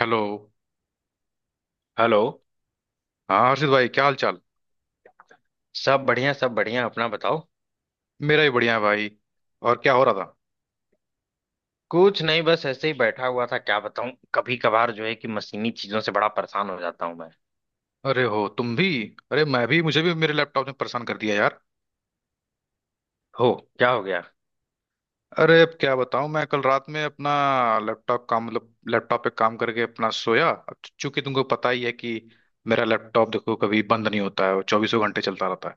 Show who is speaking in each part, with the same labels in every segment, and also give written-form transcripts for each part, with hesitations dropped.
Speaker 1: Hello.
Speaker 2: Hello.
Speaker 1: हाँ हर्षित भाई, क्या हाल चाल।
Speaker 2: सब बढ़िया सब बढ़िया, अपना बताओ।
Speaker 1: मेरा भी बढ़िया है भाई। और क्या हो रहा था।
Speaker 2: कुछ नहीं, बस ऐसे ही बैठा हुआ था। क्या बताऊं, कभी कभार जो है कि मशीनी चीजों से बड़ा परेशान हो जाता हूं मैं।
Speaker 1: अरे हो तुम भी। अरे मैं भी, मुझे भी मेरे लैपटॉप ने परेशान कर दिया यार।
Speaker 2: हो। क्या हो गया।
Speaker 1: अरे अब क्या बताऊं, मैं कल रात में अपना लैपटॉप काम, मतलब लैपटॉप पे काम करके अपना सोया। अब चूंकि तुमको पता ही है कि मेरा लैपटॉप देखो कभी बंद नहीं होता है, वो चौबीसों घंटे चलता रहता है।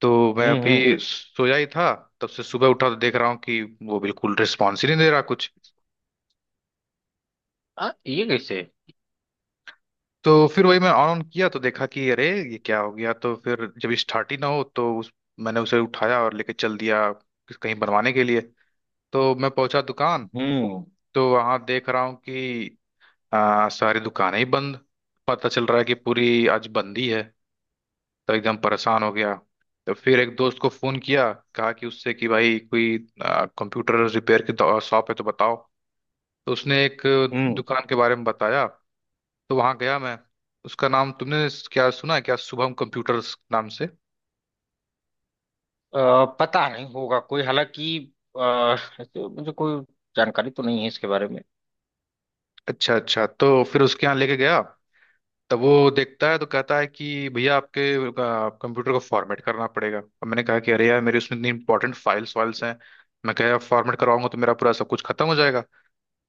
Speaker 1: तो मैं
Speaker 2: हम्म।
Speaker 1: अभी सोया ही था, तब से सुबह उठा तो देख रहा हूँ कि वो बिल्कुल रिस्पॉन्स ही नहीं दे रहा कुछ।
Speaker 2: ये कैसे।
Speaker 1: तो फिर वही मैं ऑन ऑन किया तो देखा कि अरे ये क्या हो गया। तो फिर जब स्टार्ट ही ना हो तो उस मैंने उसे उठाया और लेके चल दिया, कहीं बनवाने के लिए। तो मैं पहुंचा दुकान।
Speaker 2: हम्म
Speaker 1: तो वहां देख रहा हूँ कि सारी दुकानें ही बंद। पता चल रहा है कि पूरी आज बंदी है। तो एकदम परेशान हो गया। तो फिर एक दोस्त को फोन किया, कहा कि उससे कि भाई कोई कंप्यूटर रिपेयर की शॉप है तो बताओ। तो उसने एक
Speaker 2: हम्म।
Speaker 1: दुकान के बारे में बताया। तो वहां गया मैं। उसका नाम तुमने क्या सुना है क्या, शुभम कंप्यूटर्स नाम से।
Speaker 2: पता नहीं होगा कोई, हालांकि। ऐसे मुझे कोई जानकारी तो नहीं है इसके बारे में।
Speaker 1: अच्छा अच्छा, तो फिर उसके यहाँ लेके गया। तब वो देखता है तो कहता है कि भैया आपके कंप्यूटर को फॉर्मेट करना पड़ेगा। अब मैंने कहा कि अरे यार मेरे उसमें इतनी इंपॉर्टेंट फाइल्स वाइल्स हैं, मैं कह फॉर्मेट करवाऊंगा तो मेरा पूरा सब कुछ खत्म हो जाएगा।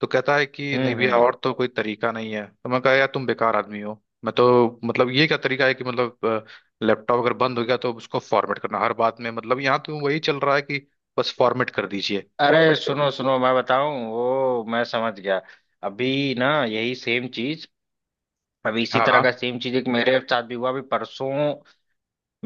Speaker 1: तो कहता है कि नहीं भैया
Speaker 2: हम्म।
Speaker 1: और तो कोई तरीका नहीं है। तो मैं कहा यार तुम बेकार आदमी हो, मैं तो मतलब ये क्या तरीका है कि मतलब लैपटॉप अगर बंद हो गया तो उसको फॉर्मेट करना, हर बात में मतलब यहाँ तो वही चल रहा है कि बस फॉर्मेट कर दीजिए।
Speaker 2: अरे सुनो सुनो, मैं बताऊं, वो मैं समझ गया। अभी ना यही सेम चीज अभी इसी
Speaker 1: हाँ
Speaker 2: तरह का
Speaker 1: हाँ।
Speaker 2: सेम चीज एक मेरे साथ भी हुआ अभी परसों।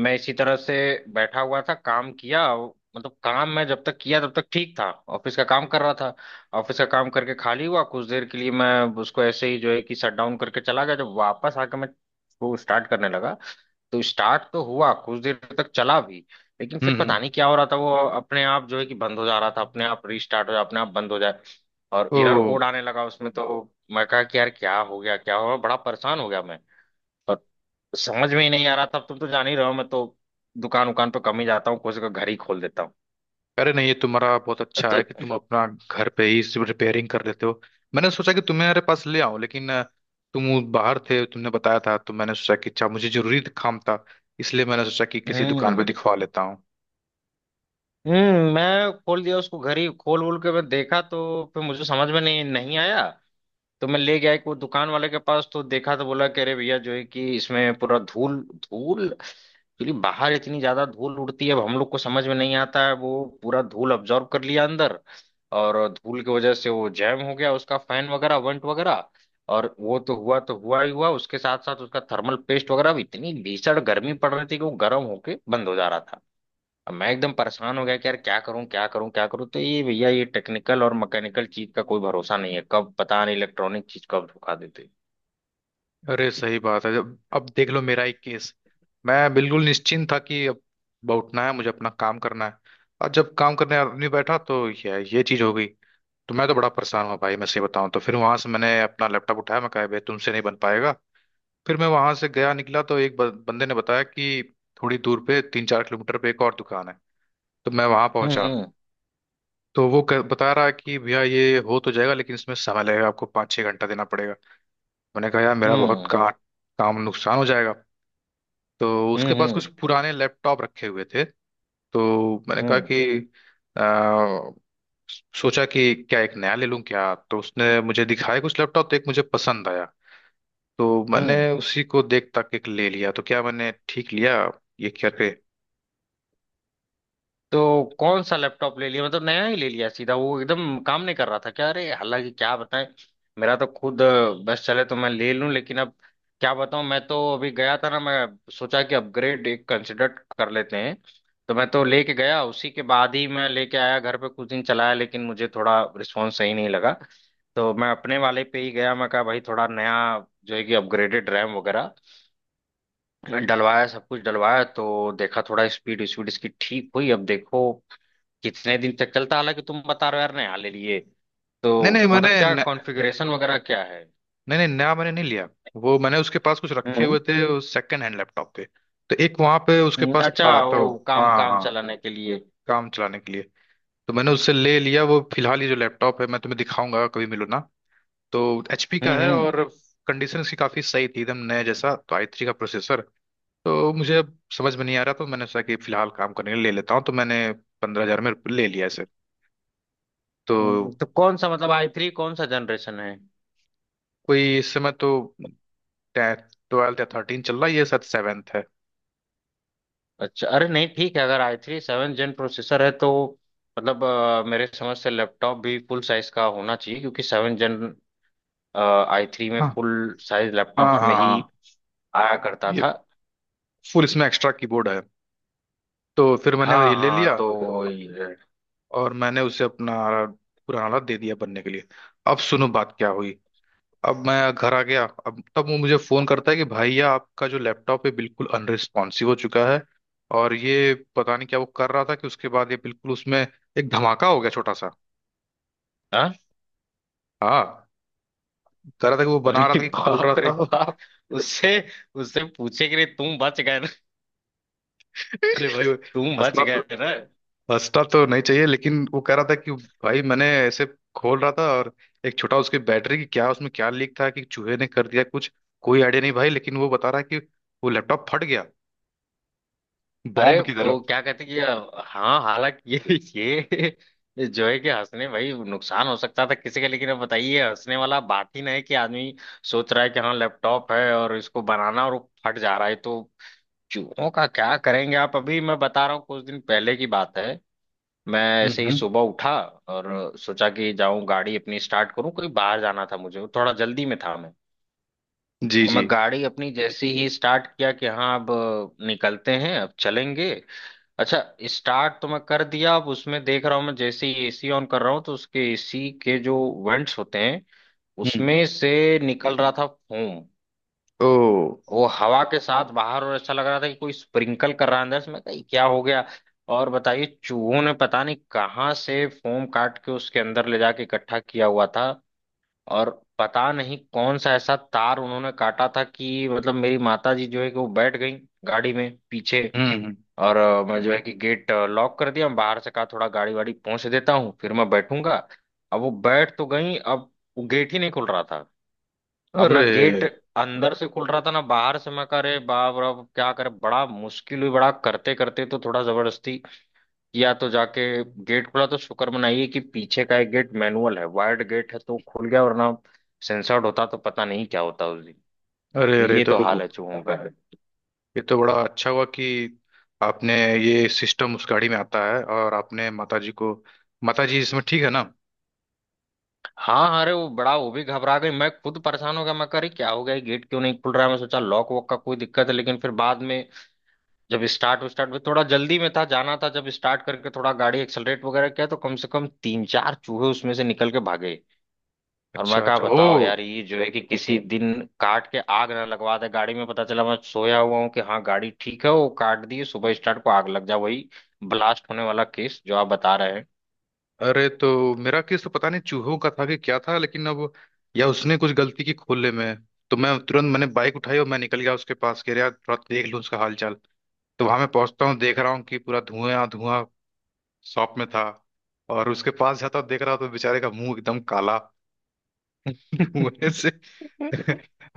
Speaker 2: मैं इसी तरह से बैठा हुआ था, काम किया। मतलब काम मैं जब तक किया तब तक ठीक था। ऑफिस का काम कर रहा था। ऑफिस का काम करके खाली हुआ कुछ देर के लिए, मैं उसको ऐसे ही जो है कि शट डाउन करके चला गया। जब वापस आके मैं वो स्टार्ट करने लगा। तो स्टार्ट तो हुआ, कुछ देर तक चला भी। लेकिन फिर
Speaker 1: हम्म
Speaker 2: पता
Speaker 1: हम्म।
Speaker 2: नहीं क्या हो रहा था, वो अपने आप जो है कि बंद हो जा रहा था, अपने आप रीस्टार्ट हो जा, अपने आप बंद हो जाए। और
Speaker 1: ओ।
Speaker 2: एरर कोड आने लगा उसमें तो। मैं कहा कि यार क्या हो गया क्या हो गया, बड़ा परेशान हो गया मैं। समझ में ही नहीं आ रहा था। अब तुम तो जान ही रहे हो, मैं तो दुकान उकान पे कम ही जाता हूँ, कुछ का घर ही खोल देता हूँ।
Speaker 1: अरे नहीं ये तुम्हारा बहुत अच्छा
Speaker 2: तो
Speaker 1: है कि तुम अपना घर पे ही सिर्फ रिपेयरिंग कर लेते हो। मैंने सोचा कि तुम्हारे पास ले आऊं, लेकिन तुम बाहर थे तुमने बताया था, तो मैंने सोचा कि अच्छा मुझे जरूरी काम था, इसलिए मैंने सोचा कि किसी दुकान पे
Speaker 2: हम्म
Speaker 1: दिखवा लेता हूँ।
Speaker 2: हम्म। मैं खोल दिया उसको घर ही खोल वोल के, मैं देखा तो फिर मुझे समझ में नहीं नहीं आया। तो मैं ले गया एक वो दुकान वाले के पास, तो देखा, तो बोला कि अरे भैया जो है कि इसमें पूरा धूल धूल एक्चुअली, बाहर इतनी ज्यादा धूल उड़ती है, अब हम लोग को समझ में नहीं आता है, वो पूरा धूल अब्जॉर्ब कर लिया अंदर। और धूल की वजह से वो जैम हो गया, उसका फैन वगैरह वंट वगैरह। और वो तो हुआ ही हुआ, उसके साथ साथ उसका थर्मल पेस्ट वगैरह भी, इतनी भीषण गर्मी पड़ रही थी कि वो गर्म होके बंद हो जा रहा था। अब मैं एकदम परेशान हो गया कि यार क्या करूं क्या करूं क्या करूं, तो ये भैया ये टेक्निकल और मैकेनिकल चीज का कोई भरोसा नहीं है, कब पता नहीं इलेक्ट्रॉनिक चीज कब धोखा देते।
Speaker 1: अरे सही बात है, जब अब देख लो मेरा ही केस। मैं बिल्कुल निश्चिंत था कि अब उठना है मुझे अपना काम करना है, और जब काम करने आदमी बैठा तो ये चीज हो गई। तो मैं तो बड़ा परेशान हुआ भाई, मैं सही बताऊं। तो फिर वहां से मैंने अपना लैपटॉप उठाया, मैं कहा भाई तुमसे नहीं बन पाएगा। फिर मैं वहां से गया निकला तो एक बंदे ने बताया कि थोड़ी दूर पे 3-4 किलोमीटर पे एक और दुकान है। तो मैं वहां पहुंचा।
Speaker 2: हम्म
Speaker 1: तो वो बता रहा है कि भैया ये हो तो जाएगा लेकिन इसमें समय लगेगा, आपको 5-6 घंटा देना पड़ेगा। मैंने कहा यार मेरा बहुत
Speaker 2: हम्म
Speaker 1: काम नुकसान हो जाएगा। तो
Speaker 2: हम्म
Speaker 1: उसके
Speaker 2: हम्म
Speaker 1: पास कुछ
Speaker 2: हम्म
Speaker 1: पुराने लैपटॉप रखे हुए थे। तो मैंने कहा
Speaker 2: हम्म
Speaker 1: कि आ, सोचा कि क्या एक नया ले लूं क्या। तो उसने मुझे दिखाया कुछ लैपटॉप, तो एक मुझे पसंद आया। तो मैंने
Speaker 2: हम्म।
Speaker 1: उसी को देख तक एक ले लिया, तो क्या मैंने ठीक लिया ये करके।
Speaker 2: तो कौन सा लैपटॉप ले लिया, मतलब नया ही ले लिया सीधा? वो एकदम काम नहीं कर रहा था क्या? अरे हालांकि क्या बताएं। मेरा तो खुद बस चले तो मैं ले लूं, लेकिन अब क्या बताऊं, मैं तो अभी गया था ना, मैं सोचा कि अपग्रेड एक कंसिडर कर लेते हैं। तो मैं तो लेके गया उसी के बाद ही, मैं लेके आया घर पे, कुछ दिन चलाया लेकिन मुझे थोड़ा रिस्पॉन्स सही नहीं लगा। तो मैं अपने वाले पे ही गया, मैं कहा भाई थोड़ा नया जो है कि अपग्रेडेड रैम वगैरह डलवाया, सब कुछ डलवाया, तो देखा थोड़ा स्पीड स्पीड इसकी ठीक हुई। अब देखो कितने दिन तक चलता है? हालांकि तुम बता रहे हो यार नया ले लिए
Speaker 1: नहीं नहीं
Speaker 2: तो मतलब
Speaker 1: मैंने
Speaker 2: क्या
Speaker 1: न,
Speaker 2: कॉन्फ़िगरेशन वगैरह क्या है?
Speaker 1: नहीं नहीं नया मैंने नहीं लिया। वो मैंने उसके पास कुछ रखे
Speaker 2: हम्म
Speaker 1: हुए थे सेकंड हैंड लैपटॉप के, तो एक वहां पे उसके पास
Speaker 2: अच्छा
Speaker 1: था। तो
Speaker 2: वो काम
Speaker 1: हाँ
Speaker 2: काम
Speaker 1: हाँ,
Speaker 2: चलाने के लिए।
Speaker 1: काम चलाने के लिए तो मैंने उससे ले लिया। वो फिलहाल ये जो लैपटॉप है मैं तुम्हें दिखाऊंगा कभी मिलो ना। तो HP
Speaker 2: हम्म
Speaker 1: का है,
Speaker 2: हम्म
Speaker 1: और कंडीशन इसकी काफ़ी सही थी, एकदम नया जैसा। तो i3 का प्रोसेसर, तो मुझे अब समझ में नहीं आ रहा, तो मैंने सोचा कि फिलहाल काम करने के लिए ले लेता हूँ, तो मैंने 15 हज़ार में ले लिया इसे। तो
Speaker 2: तो कौन सा मतलब आई थ्री कौन सा जनरेशन है?
Speaker 1: कोई इस समय तो 12th या 13 चल रहा है, ये शायद 7th है।
Speaker 2: अच्छा, अरे नहीं ठीक है, अगर i three seven gen processor है तो मतलब मेरे समझ से लैपटॉप भी फुल साइज का होना चाहिए, क्योंकि सेवन जेन आई थ्री में
Speaker 1: हाँ
Speaker 2: फुल साइज
Speaker 1: हाँ
Speaker 2: लैपटॉप्स में
Speaker 1: हाँ
Speaker 2: ही
Speaker 1: हाँ।
Speaker 2: आया करता
Speaker 1: ये
Speaker 2: था।
Speaker 1: फुल, इसमें एक्स्ट्रा कीबोर्ड है। तो फिर मैंने
Speaker 2: हाँ
Speaker 1: ये ले
Speaker 2: हाँ
Speaker 1: लिया,
Speaker 2: तो
Speaker 1: और मैंने उसे अपना पुराना वाला दे दिया बनने के लिए। अब सुनो बात क्या हुई, अब मैं घर आ गया। अब तब वो मुझे फोन करता है कि भैया आपका जो लैपटॉप है बिल्कुल अनरिस्पॉन्सिव हो चुका है, और ये पता नहीं क्या वो कर रहा था कि उसके बाद ये बिल्कुल उसमें एक धमाका हो गया छोटा सा।
Speaker 2: हाँ।
Speaker 1: हाँ, कह रहा था कि वो बना रहा
Speaker 2: अरे
Speaker 1: था कि खोल रहा
Speaker 2: बाप रे
Speaker 1: था।
Speaker 2: बाप, उससे उससे पूछे कि रे तुम बच गए ना,
Speaker 1: अरे भाई,
Speaker 2: तुम बच
Speaker 1: हंसना तो
Speaker 2: गए ना।
Speaker 1: हंसना तो नहीं चाहिए, लेकिन वो कह रहा था कि भाई मैंने ऐसे खोल रहा था, और एक छोटा उसकी बैटरी की क्या उसमें क्या लीक था कि चूहे ने कर दिया कुछ। कोई आइडिया नहीं भाई, लेकिन वो बता रहा है कि वो लैपटॉप फट गया,
Speaker 2: अरे
Speaker 1: बॉम्ब की तरह।
Speaker 2: वो क्या कहते कि हाँ, हालांकि ये जो है कि हंसने भाई, नुकसान हो सकता था किसी का, लेकिन अब बताइए हंसने वाला बात ही नहीं है कि आदमी सोच रहा है कि हाँ लैपटॉप है और इसको बनाना और वो फट जा रहा है तो। चूहों का क्या करेंगे आप? अभी मैं बता रहा हूँ, कुछ दिन पहले की बात है। मैं ऐसे
Speaker 1: हम्म
Speaker 2: ही
Speaker 1: हम्म।
Speaker 2: सुबह उठा और सोचा कि जाऊं गाड़ी अपनी स्टार्ट करूं, कहीं बाहर जाना था मुझे, थोड़ा जल्दी में था मैं।
Speaker 1: जी
Speaker 2: मैं
Speaker 1: जी।
Speaker 2: गाड़ी अपनी जैसे ही स्टार्ट किया कि हाँ अब निकलते हैं अब चलेंगे। अच्छा, स्टार्ट तो मैं कर दिया, अब उसमें देख रहा हूँ मैं, जैसे ही एसी ऑन कर रहा हूँ तो उसके एसी के जो वेंट्स होते हैं, उसमें से निकल रहा था फोम।
Speaker 1: ओ।
Speaker 2: वो हवा के साथ बाहर, और ऐसा लग रहा था कि कोई स्प्रिंकल कर रहा है अंदर से। मैं कही क्या हो गया। और बताइए, चूहों ने पता नहीं कहाँ से फोम काट के उसके अंदर ले जाके इकट्ठा किया हुआ था। और पता नहीं कौन सा ऐसा तार उन्होंने काटा था कि मतलब मेरी माता जी जो है कि वो बैठ गई गाड़ी में पीछे।
Speaker 1: हम्म।
Speaker 2: और मैं जो है कि गेट लॉक कर दिया बाहर से, कहा थोड़ा गाड़ी वाड़ी पहुंच देता हूँ, फिर मैं बैठूंगा। अब वो बैठ तो गई, अब वो गेट ही नहीं खुल रहा था। अब ना
Speaker 1: अरे
Speaker 2: गेट अंदर से खुल रहा था ना बाहर से, मैं कह रहे बाप रे, अब क्या करे, बड़ा मुश्किल हुई, बड़ा करते करते तो थोड़ा जबरदस्ती या तो जाके गेट खुला तो शुक्र मनाइए कि पीछे का एक गेट मैनुअल है, वायर्ड गेट है तो खुल गया, वरना सेंसर्ड होता तो पता नहीं क्या होता उस दिन।
Speaker 1: अरे
Speaker 2: तो
Speaker 1: अरे।
Speaker 2: ये
Speaker 1: तो
Speaker 2: तो हाल है चूहों का।
Speaker 1: ये तो बड़ा अच्छा हुआ कि आपने ये सिस्टम उस गाड़ी में आता है और आपने माताजी को, माताजी इसमें ठीक है ना।
Speaker 2: हाँ, अरे वो बड़ा वो भी घबरा गई, मैं खुद परेशान हो गया, मैं कह रही क्या हो गया, ये गेट क्यों नहीं खुल रहा है, मैं सोचा लॉक वॉक का कोई दिक्कत है, लेकिन फिर बाद में जब स्टार्ट स्टार्ट में थोड़ा जल्दी में था, जाना था, जब स्टार्ट करके थोड़ा गाड़ी एक्सलरेट वगैरह किया तो कम से कम तीन चार चूहे उसमें से निकल के भागे। और मैं
Speaker 1: अच्छा
Speaker 2: कहा
Speaker 1: अच्छा।
Speaker 2: बताओ
Speaker 1: ओ।
Speaker 2: यार ये जो है कि किसी दिन काट के आग ना लगवा दे गाड़ी में, पता चला मैं सोया हुआ हूँ कि हाँ गाड़ी ठीक है, वो काट दी सुबह, स्टार्ट को आग लग जा, वही ब्लास्ट होने वाला केस जो आप बता रहे
Speaker 1: अरे तो मेरा केस तो पता नहीं चूहों का था कि क्या था, लेकिन अब या उसने कुछ गलती की खोलने में। तो मैं तुरंत मैंने बाइक उठाई और मैं निकल गया उसके पास के, यार थोड़ा देख लूँ उसका हाल चाल। तो वहां मैं पहुंचता हूँ, देख रहा हूँ कि पूरा धुआं धुआं शॉप में था। और उसके पास जाता हूं, देख रहा हूं तो बेचारे का मुंह एकदम काला धुएं
Speaker 2: हैं।
Speaker 1: से।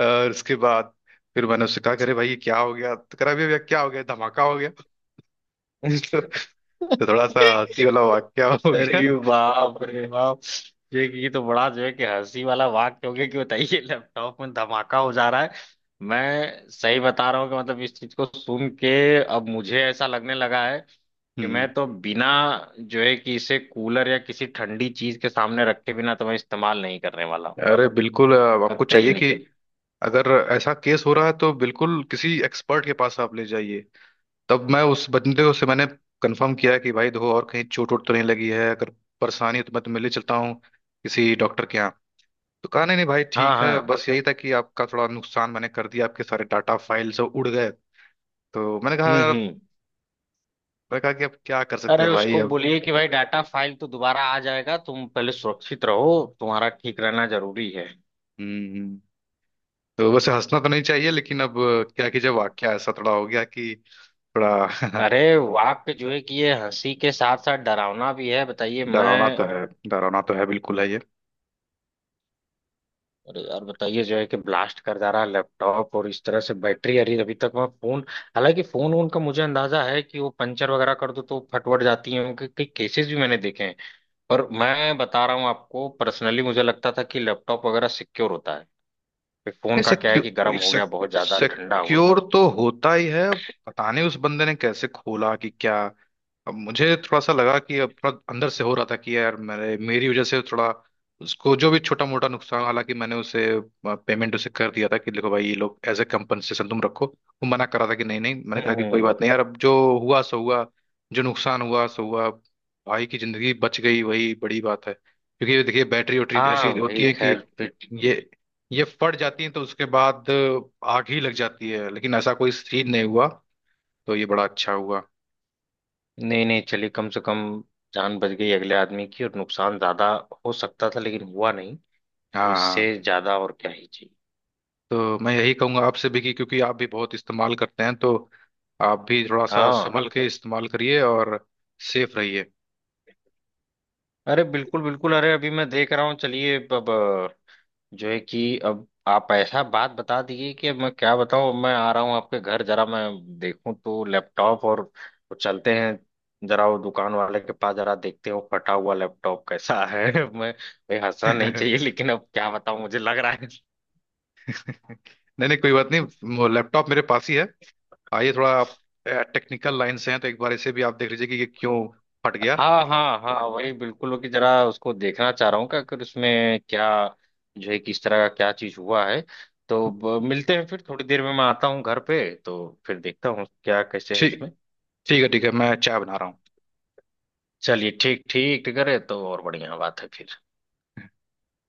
Speaker 1: और उसके बाद फिर मैंने उससे कहा करे भाई ये क्या हो गया, तो कह रहा अभी भैया क्या हो गया धमाका हो गया। तो थोड़ा सा हंसी वाला वाक्या हो गया।
Speaker 2: अरे बाप रे बाप। ये तो बड़ा जो है कि हंसी वाला वाक्य हो गया कि बताइए लैपटॉप में धमाका हो जा रहा है। मैं सही बता रहा हूँ कि मतलब इस चीज को सुन के अब मुझे ऐसा लगने लगा है कि
Speaker 1: हम्म।
Speaker 2: मैं तो बिना जो है कि इसे कूलर या किसी ठंडी चीज के सामने रखे बिना तो मैं इस्तेमाल नहीं करने वाला हूँ।
Speaker 1: अरे बिल्कुल, आपको
Speaker 2: कतई
Speaker 1: चाहिए कि
Speaker 2: नहीं।
Speaker 1: अगर ऐसा केस हो रहा है तो बिल्कुल किसी एक्सपर्ट के पास आप ले जाइए। तब मैं उस बंदे को से मैंने कंफर्म किया कि भाई देखो और कहीं चोट वोट तो नहीं लगी है, अगर परेशानी है तो मैं तो मिलने चलता हूँ किसी डॉक्टर के यहाँ। तो कहा नहीं नहीं भाई
Speaker 2: हाँ
Speaker 1: ठीक है,
Speaker 2: हाँ।
Speaker 1: बस यही था कि आपका थोड़ा नुकसान मैंने कर दिया, आपके सारे डाटा फाइल सब उड़ गए। तो मैंने कहा
Speaker 2: हम्म।
Speaker 1: मैंने कहा कि अब क्या कर सकते
Speaker 2: अरे
Speaker 1: हैं भाई
Speaker 2: उसको
Speaker 1: अब।
Speaker 2: बोलिए कि भाई डाटा फाइल तो दोबारा आ जाएगा, तुम पहले सुरक्षित रहो, तुम्हारा ठीक रहना जरूरी है।
Speaker 1: हम्म। तो वैसे हंसना तो नहीं चाहिए लेकिन अब, क्या कि जब वाक्य ऐसा थोड़ा हो गया कि थोड़ा।
Speaker 2: अरे वाक्य जो है कि ये हंसी के साथ साथ डरावना भी है, बताइए
Speaker 1: डरावना
Speaker 2: मैं।
Speaker 1: तो है, डरावना तो है, बिल्कुल है ये।
Speaker 2: अरे यार बताइए जो है कि ब्लास्ट कर जा रहा है लैपटॉप और इस तरह से बैटरी, अरे अभी तक मैं फोन, हालांकि फोन वोन का मुझे अंदाजा है कि वो पंचर वगैरह कर दो तो फटवट जाती है, उनके कई केसेस भी मैंने देखे हैं। पर मैं बता रहा हूँ आपको, पर्सनली मुझे लगता था कि लैपटॉप वगैरह सिक्योर होता है। फिर फोन का क्या है कि
Speaker 1: सिक्योर
Speaker 2: गर्म हो गया बहुत ज्यादा, ठंडा हो
Speaker 1: सिक्योर तो होता ही है। अब पता नहीं उस बंदे ने कैसे खोला कि क्या। अब मुझे थोड़ा सा लगा कि अब थोड़ा अंदर से हो रहा था कि यार मेरे मेरी वजह से थोड़ा उसको जो भी छोटा मोटा नुकसान, हालांकि मैंने उसे पेमेंट उसे कर दिया था कि देखो भाई ये लोग एज ए कंपनसेशन तुम रखो, वो मना कर रहा था कि नहीं नहीं। मैंने कहा
Speaker 2: हम्म
Speaker 1: कि कोई
Speaker 2: हम्म।
Speaker 1: बात नहीं यार, अब जो हुआ सो हुआ, जो नुकसान हुआ सो हुआ। भाई की जिंदगी बच गई, वही बड़ी बात है, क्योंकि ये देखिए बैटरी वैटरी
Speaker 2: हाँ
Speaker 1: ऐसी होती
Speaker 2: भाई
Speaker 1: है कि
Speaker 2: खैर।
Speaker 1: ये ये फट जाती है तो उसके बाद आग ही लग जाती है, लेकिन ऐसा कोई सीन नहीं हुआ, तो ये बड़ा अच्छा हुआ।
Speaker 2: नहीं नहीं, चलिए कम से कम जान बच गई अगले आदमी की, और नुकसान ज्यादा हो सकता था लेकिन हुआ नहीं। तो
Speaker 1: हाँ हाँ।
Speaker 2: इससे ज्यादा और क्या ही चाहिए।
Speaker 1: तो मैं यही कहूंगा आपसे भी कि क्योंकि आप भी बहुत इस्तेमाल करते हैं तो आप भी थोड़ा सा
Speaker 2: हाँ।
Speaker 1: संभल के इस्तेमाल करिए, और सेफ रहिए।
Speaker 2: अरे बिल्कुल बिल्कुल, अरे अभी मैं देख रहा हूँ, चलिए अब जो है कि अब आप ऐसा बात बता दीजिए कि अब मैं क्या बताऊँ, मैं आ रहा हूँ आपके घर, जरा मैं देखूँ तो लैपटॉप, और चलते हैं जरा वो दुकान वाले के पास, जरा देखते हैं वो फटा हुआ लैपटॉप कैसा है। मैं भाई हंसना नहीं चाहिए लेकिन अब क्या बताऊँ, मुझे लग रहा है।
Speaker 1: नहीं नहीं कोई बात नहीं, लैपटॉप मेरे पास ही है। आइए थोड़ा आप, टेक्निकल लाइन से हैं तो एक बार इसे भी आप देख लीजिए कि ये क्यों फट गया।
Speaker 2: हाँ हाँ हाँ, वही बिल्कुल वो कि जरा उसको देखना चाह रहा हूँ कि अगर उसमें क्या जो है किस तरह का क्या चीज हुआ है। तो मिलते हैं फिर थोड़ी देर में, मैं आता हूँ घर पे। तो फिर देखता हूँ क्या कैसे है
Speaker 1: ठीक,
Speaker 2: उसमें।
Speaker 1: ठीक है, ठीक है, मैं चाय बना रहा हूँ।
Speaker 2: चलिए ठीक ठीक ठीक है तो, और बढ़िया बात है फिर।